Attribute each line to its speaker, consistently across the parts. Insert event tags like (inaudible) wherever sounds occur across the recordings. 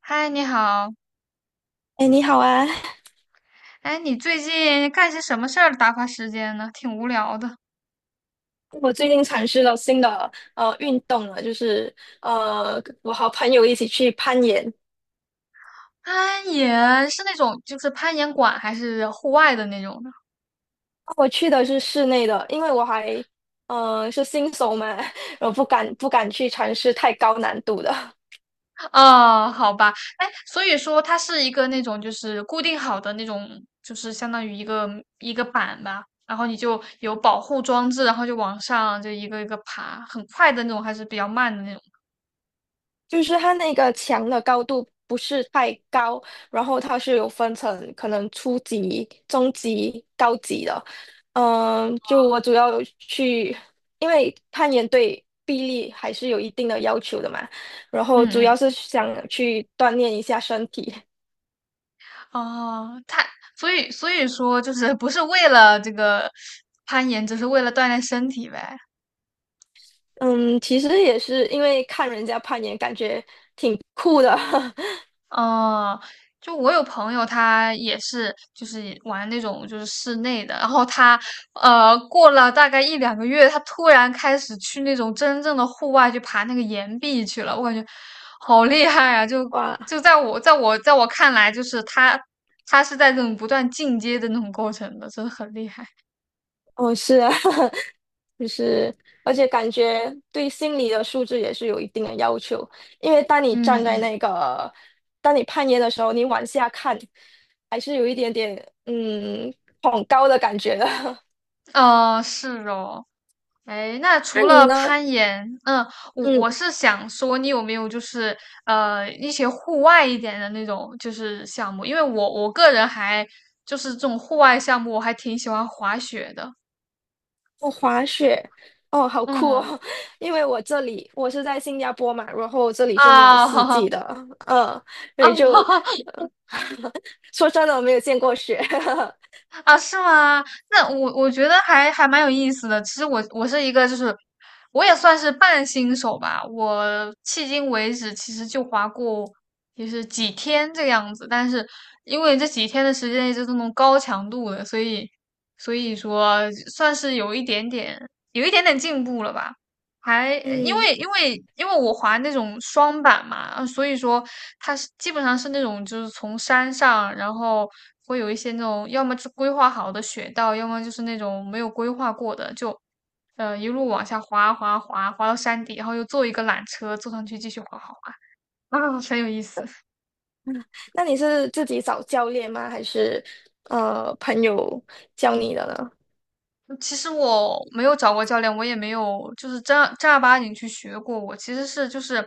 Speaker 1: 嗨，你好。
Speaker 2: 哎，你好啊！
Speaker 1: 哎，你最近干些什么事儿打发时间呢？挺无聊的。
Speaker 2: 我最近尝试了新的运动了，就是我和朋友一起去攀岩。
Speaker 1: 攀岩是那种就是攀岩馆还是户外的那种呢？
Speaker 2: 我去的是室内的，因为我还是新手嘛，(laughs) 我不敢去尝试太高难度的。
Speaker 1: 哦，好吧。哎，所以说它是一个那种就是固定好的那种，就是相当于一个板吧，然后你就有保护装置，然后就往上就一个一个爬，很快的那种还是比较慢的那种？
Speaker 2: 就是它那个墙的高度不是太高，然后它是有分成可能初级、中级、高级的。嗯，就我主要有去，因为攀岩对臂力还是有一定的要求的嘛，然后
Speaker 1: 嗯
Speaker 2: 主要
Speaker 1: 嗯。
Speaker 2: 是想去锻炼一下身体。
Speaker 1: 哦，它所以所以说就是不是为了这个攀岩，只是为了锻炼身体呗。
Speaker 2: 嗯，其实也是因为看人家攀岩，感觉挺酷的。(laughs)
Speaker 1: 哦，就我有朋友，他也是就是玩那种就是室内的，然后他过了大概一两个月，他突然开始去那种真正的户外去爬那个岩壁去了，我感觉好厉害啊！就
Speaker 2: 哇，
Speaker 1: 就在我在我在我看来，就是他是在这种不断进阶的那种过程的，真的很厉害。
Speaker 2: 哦，是啊。就是，而且感觉对心理的素质也是有一定的要求，因为当你
Speaker 1: 嗯
Speaker 2: 站在
Speaker 1: 嗯，
Speaker 2: 那个，当你攀岩的时候，你往下看，还是有一点点嗯恐高的感觉的。(laughs)
Speaker 1: 哦，是哦。哎，那
Speaker 2: 那
Speaker 1: 除
Speaker 2: 你
Speaker 1: 了
Speaker 2: 呢？
Speaker 1: 攀岩，嗯，我
Speaker 2: 嗯，
Speaker 1: 我是想说，你有没有就是一些户外一点的那种就是项目？因为我个人还就是这种户外项目，我还挺喜欢滑雪的。
Speaker 2: 我滑雪，哦，好酷
Speaker 1: 嗯
Speaker 2: 哦！(laughs) 因为我这里我是在新加坡嘛，然后这里是没有
Speaker 1: 啊，(laughs)
Speaker 2: 四
Speaker 1: 哈
Speaker 2: 季
Speaker 1: 哈
Speaker 2: 的，嗯，所
Speaker 1: 啊，
Speaker 2: 以
Speaker 1: (laughs)
Speaker 2: 就，呃 (laughs) 说真的，我没有见过雪，(laughs)
Speaker 1: 啊，是吗？那我觉得还蛮有意思的。其实我是一个，就是我也算是半新手吧。我迄今为止其实就滑过，也是几天这个样子。但是因为这几天的时间一直都那高强度的，所以说算是有一点点进步了吧。还呃因
Speaker 2: 嗯。
Speaker 1: 为因为因为我滑那种双板嘛，所以说它是基本上是那种就是从山上，然后会有一些那种要么是规划好的雪道，要么就是那种没有规划过的，就一路往下滑滑到山底，然后又坐一个缆车坐上去继续滑啊，很有意思。
Speaker 2: 那你是自己找教练吗？还是朋友教你的呢？
Speaker 1: 其实我没有找过教练，我也没有就是正儿八经去学过。我其实是就是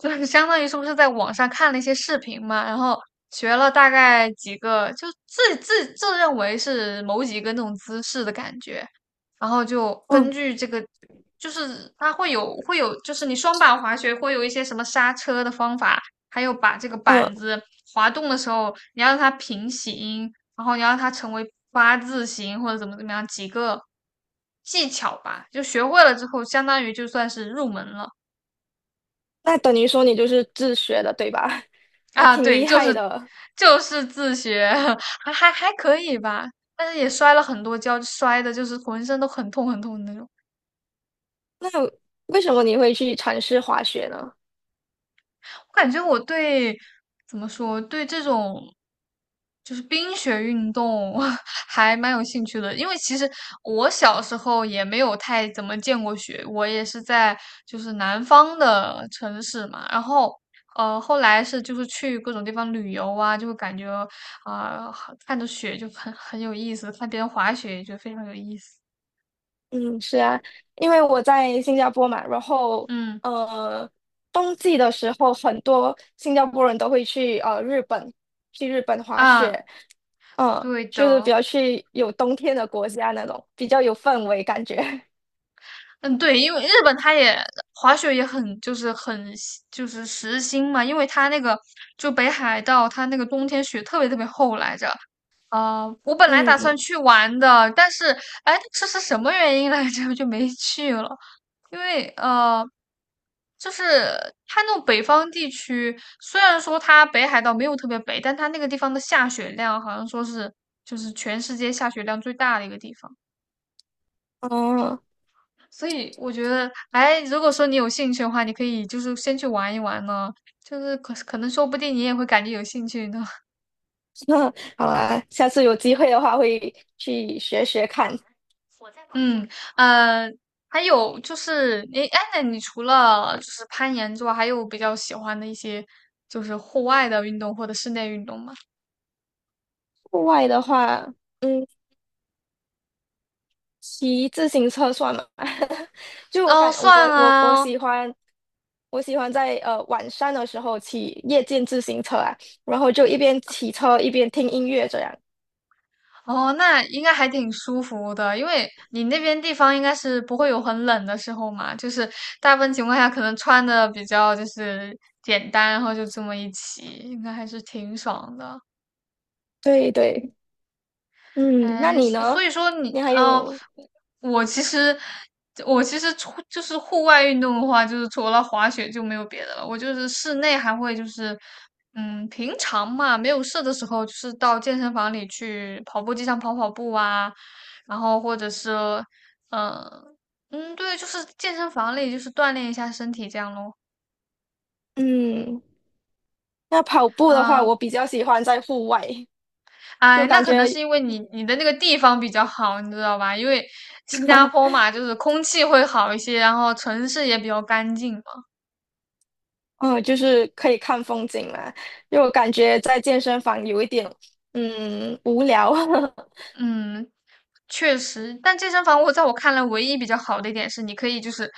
Speaker 1: 就是相当于是不是在网上看了一些视频嘛，然后学了大概几个，就自认为是某几个那种姿势的感觉，然后就根
Speaker 2: 嗯
Speaker 1: 据这个，就是它会有会有，就是你双板滑雪会有一些什么刹车的方法，还有把这个
Speaker 2: 嗯，
Speaker 1: 板子滑动的时候，你要让它平行，然后你让它成为八字形或者怎么怎么样几个技巧吧，就学会了之后，相当于就算是入门了。
Speaker 2: 那等于说你就是自学的，对吧？
Speaker 1: (laughs)
Speaker 2: (laughs) 那
Speaker 1: 啊。
Speaker 2: 挺
Speaker 1: 对，
Speaker 2: 厉
Speaker 1: 就
Speaker 2: 害
Speaker 1: 是
Speaker 2: 的。
Speaker 1: 就是自学，(laughs) 还可以吧，但是也摔了很多跤，摔的就是浑身都很痛的那种。
Speaker 2: 那为什么你会去尝试滑雪呢？
Speaker 1: 我感觉我对怎么说，对这种就是冰雪运动 (laughs) 还蛮有兴趣的，因为其实我小时候也没有太怎么见过雪，我也是在就是南方的城市嘛，然后后来是就是去各种地方旅游啊，就会感觉啊、看着雪就很有意思，看别人滑雪也觉得非常有意思。
Speaker 2: 嗯，是啊，因为我在新加坡嘛，然后
Speaker 1: 嗯
Speaker 2: 呃，冬季的时候，很多新加坡人都会去日本，去日本滑
Speaker 1: 啊，
Speaker 2: 雪，嗯，
Speaker 1: 对
Speaker 2: 就是比
Speaker 1: 的。
Speaker 2: 较去有冬天的国家那种，比较有氛围感觉，
Speaker 1: 嗯，对，因为日本它也滑雪也很就是很喜就是时兴嘛，因为它那个就北海道它那个冬天雪特别特别厚来着。啊、我
Speaker 2: (laughs)
Speaker 1: 本来打算
Speaker 2: 嗯。
Speaker 1: 去玩的，但是哎，这是什么原因来着？(laughs) 就没去了，因为就是它那种北方地区，虽然说它北海道没有特别北，但它那个地方的下雪量好像说是就是全世界下雪量最大的一个地方。
Speaker 2: 嗯，
Speaker 1: 所以我觉得，哎，如果说你有兴趣的话，你可以就是先去玩一玩呢，就是可能说不定你也会感觉有兴趣呢。
Speaker 2: (laughs) 好啊，下次有机会的话会去学学看。
Speaker 1: (laughs) 嗯，呃，还有就是，你哎，那你除了就是攀岩之外，还有比较喜欢的一些就是户外的运动或者室内运动吗？
Speaker 2: 户外的话，嗯，骑自行车算吗？(laughs) 就我
Speaker 1: 哦，
Speaker 2: 感我
Speaker 1: 算
Speaker 2: 我我
Speaker 1: 啊，
Speaker 2: 喜欢我喜欢在晚上的时候骑夜间自行车啊，然后就一边骑车一边听音乐这样。
Speaker 1: 哦，那应该还挺舒服的，因为你那边地方应该是不会有很冷的时候嘛，就是大部分情况下可能穿的比较就是简单，然后就这么一骑，应该还是挺爽的。
Speaker 2: 对对，嗯，那
Speaker 1: 哎，
Speaker 2: 你
Speaker 1: 所
Speaker 2: 呢？
Speaker 1: 所以说你，
Speaker 2: 你还
Speaker 1: 哦，
Speaker 2: 有
Speaker 1: 我其实我其实除就是户外运动的话，就是除了滑雪就没有别的了。我就是室内还会就是，嗯，平常嘛，没有事的时候，就是到健身房里去跑步机上跑跑步啊，然后或者是，嗯、嗯，对，就是健身房里就是锻炼一下身体这样咯。
Speaker 2: 嗯，那跑步的话，
Speaker 1: 啊，
Speaker 2: 我比较喜欢在户外，
Speaker 1: 哎，
Speaker 2: 就
Speaker 1: 那
Speaker 2: 感
Speaker 1: 可能是
Speaker 2: 觉
Speaker 1: 因为你的那个地方比较好，你知道吧？因为新加坡嘛，就是空气会好一些，然后城市也比较干净嘛。
Speaker 2: 嗯，就是可以看风景嘛，因为我感觉在健身房有一点，嗯，无聊。(laughs)
Speaker 1: 嗯，确实，但健身房我在我看来唯一比较好的一点是，你可以就是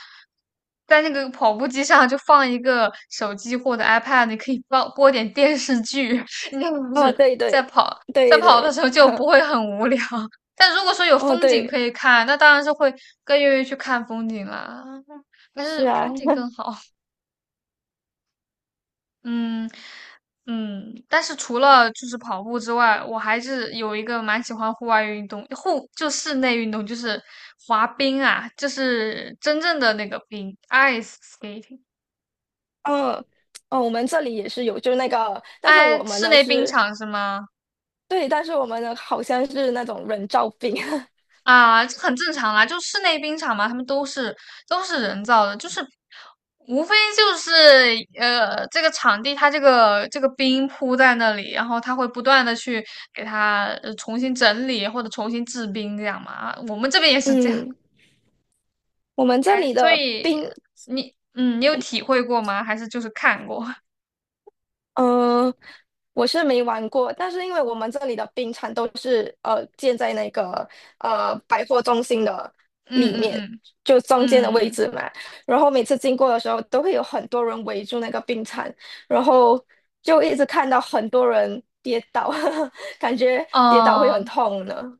Speaker 1: 在那个跑步机上就放一个手机或者 iPad，你可以放播点电视剧，(laughs) 你这不
Speaker 2: 哦，
Speaker 1: 是
Speaker 2: 对
Speaker 1: 在
Speaker 2: 对
Speaker 1: 跑在
Speaker 2: 对
Speaker 1: 跑的
Speaker 2: 对，
Speaker 1: 时候就
Speaker 2: (laughs)
Speaker 1: 不会很无聊。(laughs) 但如果说有
Speaker 2: 哦
Speaker 1: 风景可
Speaker 2: 对，
Speaker 1: 以看，那当然是会更愿意去看风景啦。(laughs) 但
Speaker 2: 是
Speaker 1: 是
Speaker 2: 啊，
Speaker 1: 风景更好。嗯嗯，但是除了就是跑步之外，我还是有一个蛮喜欢户外运动，户就室内运动就是滑冰啊，就是真正的那个冰，ice skating，
Speaker 2: (laughs) 嗯哦，我们这里也是有，就那个，但是我
Speaker 1: 哎，
Speaker 2: 们
Speaker 1: 室
Speaker 2: 呢
Speaker 1: 内冰
Speaker 2: 是，
Speaker 1: 场是吗？
Speaker 2: 对，但是我们呢好像是那种人造冰，
Speaker 1: 啊，这很正常啦，就室内冰场嘛，他们都是人造的，就是无非就是这个场地它这个冰铺在那里，然后它会不断的去给它重新整理或者重新制冰这样嘛。啊我们这边也
Speaker 2: (laughs)
Speaker 1: 是这样，
Speaker 2: 嗯，我们这
Speaker 1: 哎，
Speaker 2: 里
Speaker 1: 所
Speaker 2: 的
Speaker 1: 以
Speaker 2: 冰
Speaker 1: 你嗯，你有体会过吗？还是就是看过？(laughs)
Speaker 2: 呃，我是没玩过，但是因为我们这里的冰场都是建在那个百货中心的
Speaker 1: 嗯
Speaker 2: 里
Speaker 1: 嗯
Speaker 2: 面，
Speaker 1: 嗯
Speaker 2: 就中间的位
Speaker 1: 嗯。嗯，
Speaker 2: 置嘛。然后每次经过的时候，都会有很多人围住那个冰场，然后就一直看到很多人跌倒，(laughs) 感觉跌倒会很
Speaker 1: 哦
Speaker 2: 痛呢。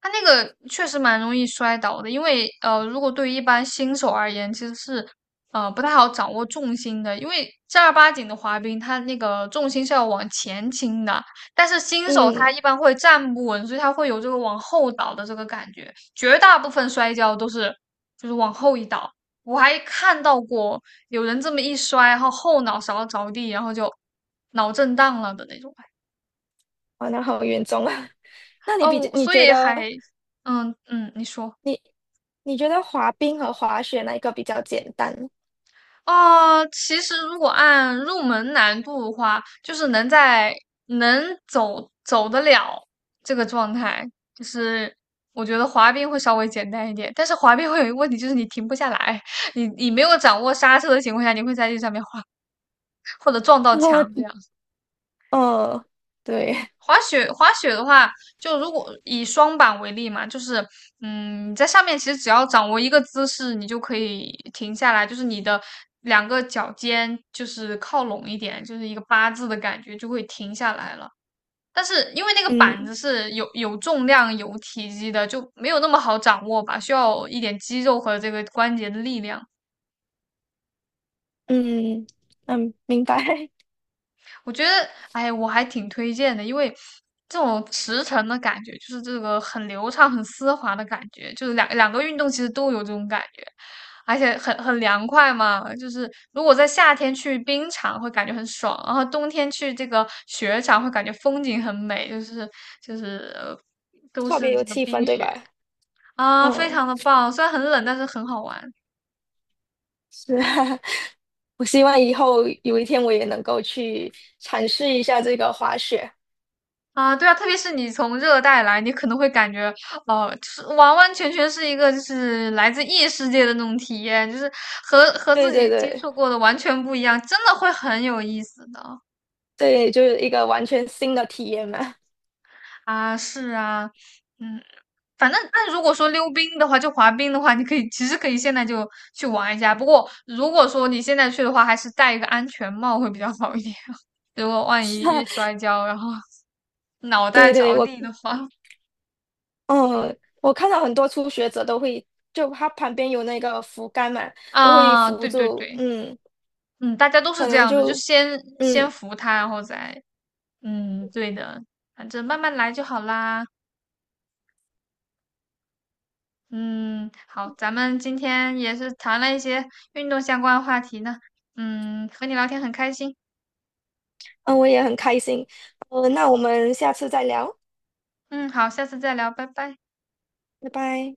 Speaker 1: 它那个确实蛮容易摔倒的，因为如果对于一般新手而言，其实是不太好掌握重心的，因为正儿八经的滑冰，它那个重心是要往前倾的，但是新手他
Speaker 2: 嗯，
Speaker 1: 一般会站不稳，所以他会有这个往后倒的这个感觉，绝大部分摔跤都是就是往后一倒。我还看到过有人这么一摔，然后后脑勺着地，然后就脑震荡了的那种。
Speaker 2: 哇，那好严重啊。(laughs) 那你比
Speaker 1: 哦，
Speaker 2: 你
Speaker 1: 所
Speaker 2: 觉
Speaker 1: 以还
Speaker 2: 得
Speaker 1: 嗯嗯，你说。
Speaker 2: 你你觉得滑冰和滑雪哪一个比较简单？
Speaker 1: 哦，其实如果按入门难度的话，就是能在能走得了这个状态，就是我觉得滑冰会稍微简单一点。但是滑冰会有一个问题，就是你停不下来，(laughs) 你没有掌握刹车的情况下，你会在这上面滑或者撞到
Speaker 2: (laughs) 哦
Speaker 1: 墙这样。
Speaker 2: 呃，对，
Speaker 1: 滑雪，滑雪的话，就如果以双板为例嘛，就是，嗯，你在上面其实只要掌握一个姿势，你就可以停下来，就是你的两个脚尖就是靠拢一点，就是一个八字的感觉，就会停下来了。但是因为那个板
Speaker 2: 嗯
Speaker 1: 子是有重量、有体积的，就没有那么好掌握吧，需要一点肌肉和这个关节的力量。
Speaker 2: 嗯嗯，明白，
Speaker 1: 我觉得，哎，我还挺推荐的，因为这种驰骋的感觉，就是这个很流畅、很丝滑的感觉，就是两个运动其实都有这种感觉，而且很凉快嘛。就是如果在夏天去冰场会感觉很爽，然后冬天去这个雪场会感觉风景很美，就是就是
Speaker 2: (laughs)
Speaker 1: 都
Speaker 2: 特别
Speaker 1: 是
Speaker 2: 有
Speaker 1: 这个
Speaker 2: 气氛，
Speaker 1: 冰
Speaker 2: 对
Speaker 1: 雪
Speaker 2: 吧？
Speaker 1: 啊，非
Speaker 2: 嗯，
Speaker 1: 常的棒。虽然很冷，但是很好玩。
Speaker 2: 是啊，(laughs) 我希望以后有一天我也能够去尝试一下这个滑雪。
Speaker 1: 啊，对啊，特别是你从热带来，你可能会感觉，哦、就是完完全全是一个就是来自异世界的那种体验，就是和
Speaker 2: 对
Speaker 1: 自
Speaker 2: 对
Speaker 1: 己接
Speaker 2: 对，
Speaker 1: 触过的完全不一样，真的会很有意思的
Speaker 2: 对，就是一个完全新的体验嘛。
Speaker 1: 啊，是啊，嗯，反正但如果说溜冰的话，就滑冰的话，你可以其实可以现在就去玩一下，不过如果说你现在去的话，还是戴一个安全帽会比较好一点，(laughs) 如果万一一摔
Speaker 2: (laughs)
Speaker 1: 跤，然后脑袋
Speaker 2: 对对，
Speaker 1: 着
Speaker 2: 我
Speaker 1: 地的话，
Speaker 2: 嗯，我看到很多初学者都会，就他旁边有那个扶杆嘛，都会
Speaker 1: 啊，
Speaker 2: 扶
Speaker 1: 对对
Speaker 2: 住，
Speaker 1: 对。
Speaker 2: 嗯，
Speaker 1: 嗯，大家都是
Speaker 2: 可
Speaker 1: 这
Speaker 2: 能
Speaker 1: 样的，就
Speaker 2: 就
Speaker 1: 先
Speaker 2: 嗯
Speaker 1: 服他，然后再，嗯，对的，反正慢慢来就好啦。嗯，好，咱们今天也是谈了一些运动相关的话题呢。嗯，和你聊天很开心。
Speaker 2: 嗯，我也很开心。那我们下次再聊，
Speaker 1: 嗯，好，下次再聊，拜拜。
Speaker 2: 拜拜。